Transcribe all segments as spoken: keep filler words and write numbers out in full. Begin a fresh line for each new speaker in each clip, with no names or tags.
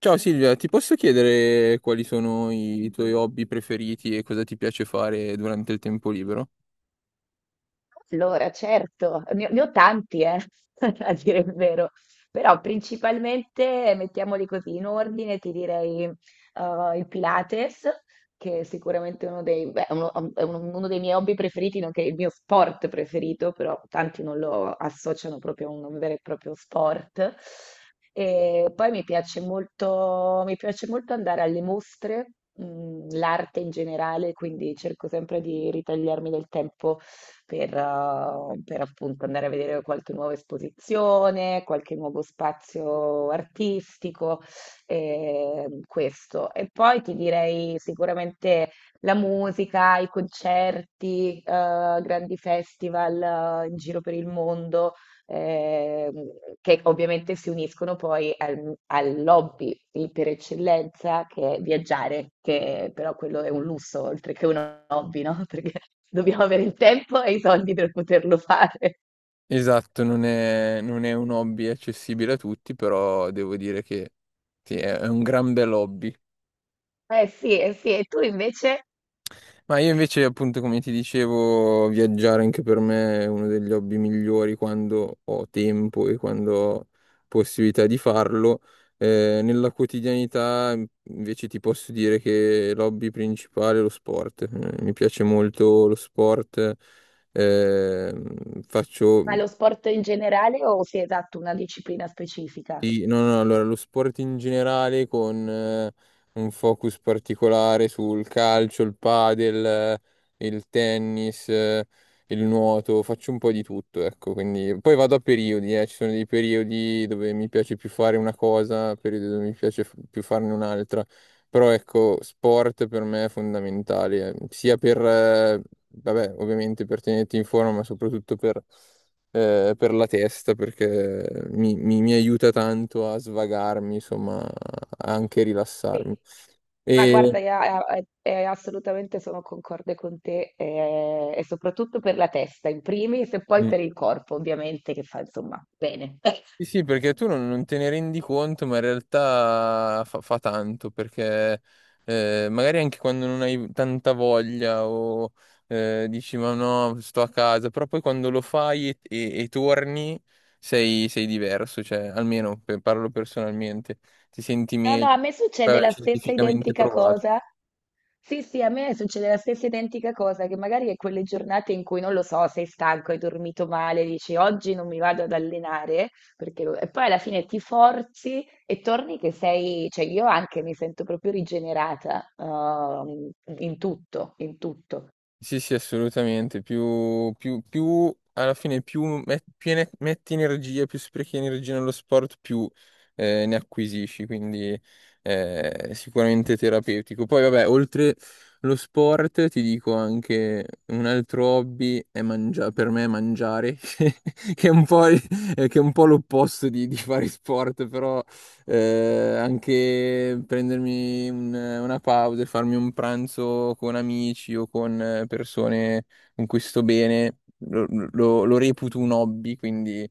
Ciao Silvia, ti posso chiedere quali sono i tuoi hobby preferiti e cosa ti piace fare durante il tempo libero?
Allora, certo, ne ho ne ho tanti, eh, a dire il vero, però principalmente, mettiamoli così, in ordine ti direi eh, il Pilates, che è sicuramente uno dei, beh, uno, è uno- uno dei miei hobby preferiti, nonché il mio sport preferito, però tanti non lo associano proprio a un vero e proprio sport. E poi mi piace molto, mi piace molto andare alle mostre, mh, l'arte in generale, quindi cerco sempre di ritagliarmi del tempo per, eh, per appunto andare a vedere qualche nuova esposizione, qualche nuovo spazio artistico, ehm, questo. E poi ti direi sicuramente la musica, i concerti, eh, grandi festival, eh, in giro per il mondo ehm, che ovviamente si uniscono poi al, al lobby di- per eccellenza che è viaggiare, che però quello è un lusso oltre che un hobby, no? Perché dobbiamo avere il tempo e i soldi per poterlo fare.
Esatto, non è, non è un hobby accessibile a tutti, però devo dire che sì, è è un gran bel hobby.
Eh sì, eh sì, e tu invece
Ma io invece, appunto, come ti dicevo, viaggiare anche per me è uno degli hobby migliori quando ho tempo e quando ho possibilità di farlo. Eh, nella quotidianità, invece, ti posso dire che l'hobby principale è lo sport. Eh, mi piace molto lo sport. Eh, Faccio
fai lo sport in generale o sei esatto una disciplina specifica?
sì, no, no, allora lo sport in generale con eh, un focus particolare sul calcio, il padel, eh, il tennis, eh, il nuoto, faccio un po' di tutto, ecco, quindi poi vado a periodi, eh, ci sono dei periodi dove mi piace più fare una cosa, periodi dove mi piace f- più farne un'altra, però ecco, sport per me è fondamentale, eh, sia per, eh, vabbè, ovviamente per tenerti in forma, ma soprattutto per eh, per la testa perché mi, mi- mi aiuta tanto a svagarmi, insomma, a anche rilassarmi.
Sì. Ma
E,
guarda, io, eh, eh, eh, assolutamente sono concorde con te eh, e soprattutto per la testa in primis e poi
Mm.
per il corpo, ovviamente, che fa insomma bene.
Sì, sì, perché tu non, non te ne rendi conto, ma in realtà fa, fa tanto, perché eh, magari anche quando non hai tanta voglia o eh, dici ma no, sto a casa, però poi quando lo fai e, e- e torni sei, sei diverso, cioè almeno per- parlo personalmente, ti senti
No, no,
meglio,
a me succede
eh,
la stessa
scientificamente
identica
provato.
cosa. Sì, sì, a me succede la stessa identica cosa, che magari è quelle giornate in cui non lo so, sei stanco, hai dormito male, dici oggi non mi vado ad allenare, perché... lo- e poi alla fine ti forzi e torni che sei, cioè io anche mi sento proprio rigenerata, ehm, in tutto, in tutto.
Sì, sì, assolutamente. Più, più, più alla fine, più, met- più ne- metti energia, più sprechi energia nello sport, più eh, ne acquisisci. Quindi eh, sicuramente terapeutico. Poi, vabbè, oltre lo sport, ti dico anche un altro hobby è mangiare, per me è mangiare, che è un po', il- che è un po' l'opposto di, di fare sport, però eh, anche prendermi un- una pausa e farmi un pranzo con amici o con eh, persone con cui sto bene, lo, lo- lo reputo un hobby, quindi eh,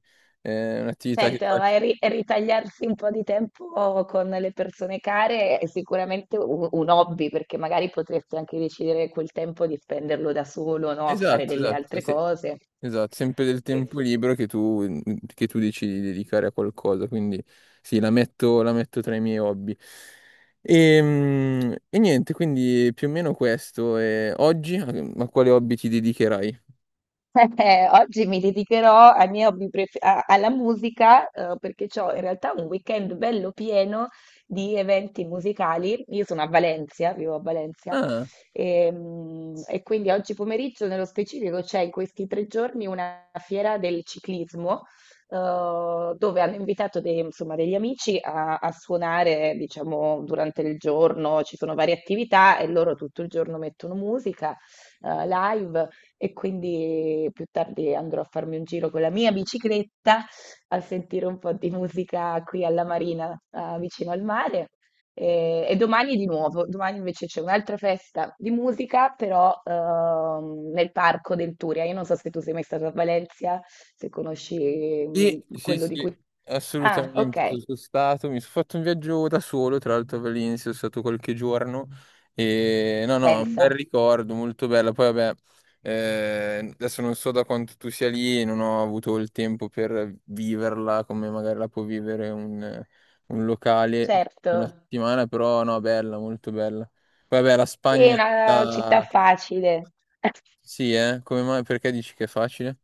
è un'attività che
Certo,
faccio.
e ri- e ritagliarsi un po' di tempo con le persone care è sicuramente un, un hobby, perché magari potresti anche decidere quel tempo di spenderlo da solo, no? A fare
Esatto,
delle
esatto,
altre
sì.
cose.
Esatto, sempre del
Eh
tempo
sì.
libero che tu, che tu decidi di dedicare a qualcosa, quindi sì, la metto, la metto tra i miei hobby. Ehm, E, niente, quindi più o meno questo. E oggi a a quale hobby ti dedicherai?
Eh, oggi mi dedicherò ai miei hobby pref- a- alla musica, eh, perché ho in realtà un weekend bello pieno di eventi musicali. Io sono a Valencia, vivo a Valencia,
Ah.
e, mm, e quindi oggi pomeriggio, nello specifico, c'è in questi tre giorni una fiera del ciclismo, eh, dove hanno invitato dei- insomma, degli amici a, a suonare, diciamo, durante il giorno. Ci sono varie attività e loro tutto il giorno mettono musica eh, live. E quindi più tardi andrò a farmi un giro con la mia bicicletta a sentire un po' di musica qui alla Marina, ah, vicino al mare. E, e domani di nuovo, domani invece c'è un'altra festa di musica, però ehm, nel parco del Turia. Io non so se tu sei mai stato a Valencia, se conosci mm,
Sì, sì,
quello di cui...
sì,
Ah,
assolutamente.
ok,
Sono sono stato, mi sono fatto un viaggio da solo, tra l'altro a Valencia, sono stato qualche giorno e no, no, un bel
pensa,
ricordo, molto bello. Poi vabbè, eh, adesso non so da quanto tu sia lì, non ho avuto il tempo per viverla come magari la può vivere un, un locale per
certo.
una settimana, però no, bella, molto bella. Poi vabbè, la
Sì, è
Spagna,
una città
la-
facile.
sì, eh, come mai? Perché dici che è facile?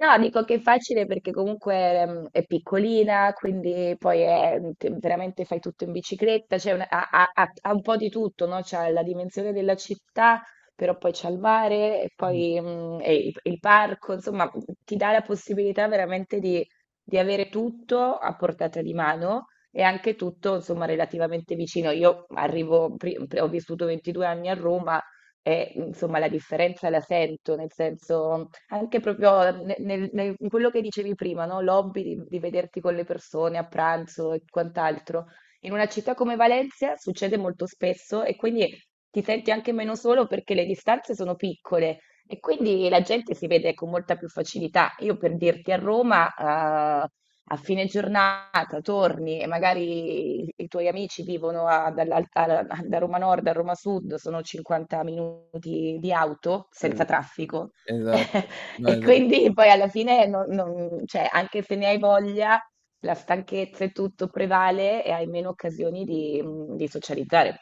No, dico che è facile perché comunque mm, è piccolina, quindi poi è, mhmm, te- veramente fai tutto in bicicletta, c'è una- ha, ha- ha- ha un po' di tutto, no? C'ha la dimensione della città, però poi c'è il mare e
Mm.
poi mm, e il, il parco, insomma, ti dà la possibilità veramente di, di avere tutto a portata di mano e anche tutto, insomma, relativamente vicino. Io arrivo, pri- pri- ho vissuto ventidue anni a Roma e, insomma, la differenza la sento, nel senso... Anche proprio ne- nel- nel- in quello che dicevi prima, no? L'hobby di, di vederti con le persone a pranzo e quant'altro. In una città come Valencia succede molto spesso e quindi ti senti anche meno solo perché le distanze sono piccole e quindi la gente si vede con molta più facilità. Io per dirti a Roma, eh, a fine giornata torni e magari i, i tuoi amici vivono a- dall'al- a- da Roma Nord a Roma Sud, sono cinquanta minuti di auto senza
Es-
traffico.
Esatto, no,
E
esatto.
quindi poi alla fine non, non- cioè, anche se ne hai voglia, la stanchezza e tutto prevale e hai meno occasioni di, mm, di socializzare.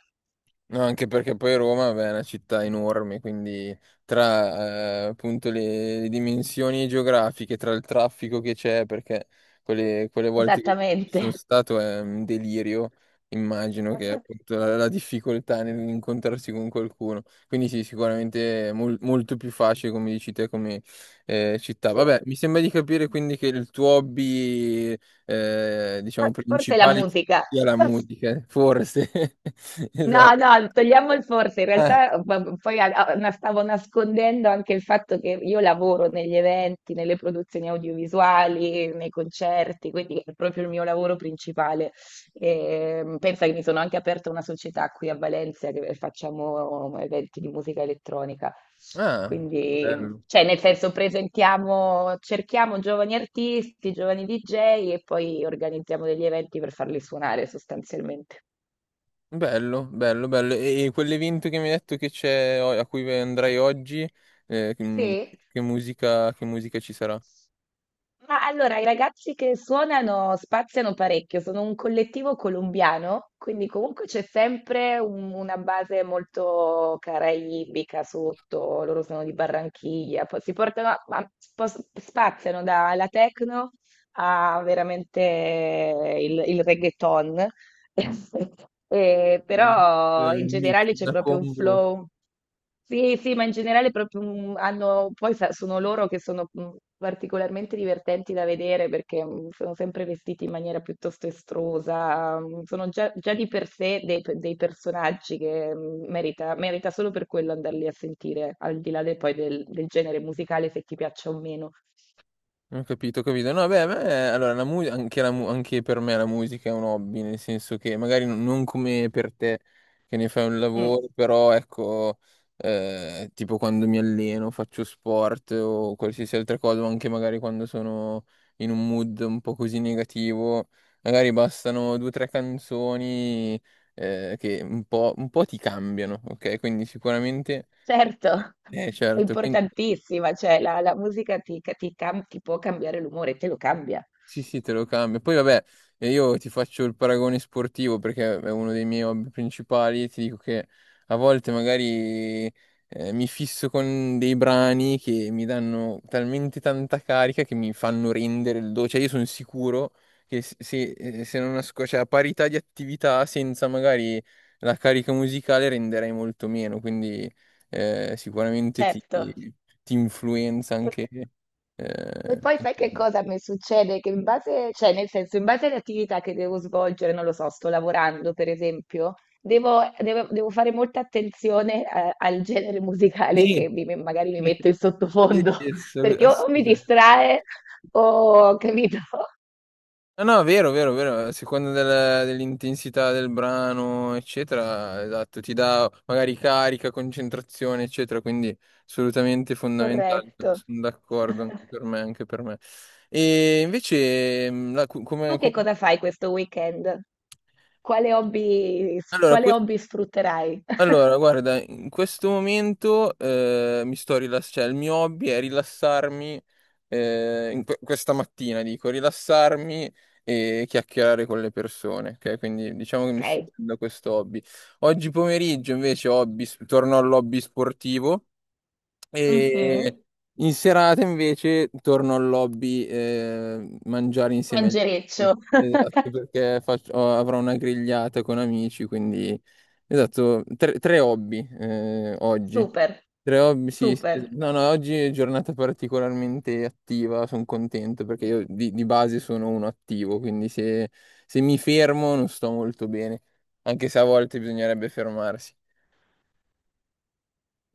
No, anche perché poi Roma vabbè, è una città enorme, quindi tra eh, appunto le, le dimensioni geografiche, tra il traffico che c'è, perché quelle, quelle volte che ci
Esattamente.
sono stato è un delirio, immagino che appunto la, la difficoltà nell'incontrarsi con qualcuno. Quindi sì, sicuramente è mol- molto più facile, come dici te, come eh, città.
Sì.
Vabbè, mi sembra di capire quindi che il tuo hobby, eh, diciamo,
For- Forse la
principale
musica.
sia la musica, forse.
No,
Esatto.
no, togliamo il forse, in
Eh,
realtà eh, p- poi a- a- na- stavo nascondendo anche il fatto che io lavoro negli eventi, nelle produzioni audiovisuali, nei concerti, quindi è proprio il mio lavoro principale. E, pensa che mi sono anche aperta una società qui a Valencia che facciamo eventi di musica elettronica.
ah,
Quindi,
bello,
cioè, nel senso, presentiamo, cerchiamo giovani artisti, giovani D J e poi organizziamo degli eventi per farli suonare sostanzialmente.
bello, bello, bello. E, e quell'evento che mi hai detto che c'è, o- a cui andrai oggi, eh, che,
Sì?
che musica, che musica ci sarà?
Ma allora, i ragazzi che suonano spaziano parecchio, sono un collettivo colombiano, quindi comunque c'è sempre un- una base molto caraibica sotto, loro sono di Barranchiglia, poi si portano, a- ma spos- spaziano dalla techno a veramente il, il reggaeton. Eh,
Un mix, eh,
però in
un mix,
generale c'è
una
proprio un
combo.
flow. Sì, sì, ma in generale proprio un- hanno, poi sa- sono loro che sono mm, particolarmente divertenti da vedere perché mm, sono sempre vestiti in maniera piuttosto estrusa, mm, sono già, già di per sé dei, dei personaggi che mm, merita, merita solo per quello andarli a sentire, al di là del, poi del, del genere musicale, se ti piaccia o meno.
Ho capito, ho capito. No, beh, a me, allora, la mu- anche, la mu- anche per me la musica è un hobby, nel senso che magari non non come per te che ne fai un
Mm.
lavoro, però ecco, eh, tipo quando mi alleno, faccio sport o qualsiasi altra cosa, o anche magari quando sono in un mood un po' così negativo, magari bastano due o tre canzoni, eh, che un po', un po' ti cambiano, ok? Quindi sicuramente...
Certo,
Eh,
è
certo, quindi...
importantissima, cioè la, la musica ti, ca- ti cam- ti può cambiare l'umore, te lo cambia,
Sì, sì, te lo cambio. Poi vabbè, eh, io ti faccio il paragone sportivo perché è uno dei miei hobby principali. Ti dico che a volte magari eh, mi fisso con dei brani che mi danno talmente tanta carica che mi fanno rendere il do. Cioè, io sono sicuro che se, se eh, se non asco- cioè, a parità di attività, senza magari la carica musicale, renderei molto meno. Quindi eh, sicuramente ti,
certo.
ti influenza
E
anche.
e
eh,
poi sai
anche
che cosa mi succede? Che in base, cioè nel senso, in base alle attività che devo svolgere, non lo so, sto lavorando per esempio, devo, devo- devo fare molta attenzione a- al genere musicale che mi- magari mi metto in
Sì,
sottofondo,
sì, sì,
perché o, o mi
assolutamente.
distrae o, capito?
No, no, vero, vero, vero, a seconda del- dell'intensità del brano, eccetera, esatto, ti dà magari carica, concentrazione, eccetera, quindi assolutamente fondamentale,
Corretto.
sono d'accordo anche per me, anche per me. E invece, mh, la- cu-
Tu
come,
che
come-
cosa fai questo weekend? Quale hobby s
allora,
quale
que-
hobby sfrutterai?
allora, guarda, in questo momento eh, mi sto rilassando, cioè il mio hobby è rilassarmi eh, in que- questa mattina, dico, rilassarmi e chiacchierare con le persone, ok? Quindi diciamo che mi sto
Okay.
prendendo questo hobby. Oggi pomeriggio invece hobby, torno all'hobby sportivo
Mh-mh.
e in serata invece torno al lobby eh, mangiare insieme agli amici.
Mangereccio.
Esatto, perché faccio- ho- avrò una grigliata con amici, quindi esatto, tre, tre hobby eh, oggi.
Super,
Tre hobby, sì,
super.
sì, es- no, no, oggi è giornata particolarmente attiva, sono contento perché io di, di base sono uno attivo, quindi se se mi fermo non sto molto bene, anche se a volte bisognerebbe fermarsi.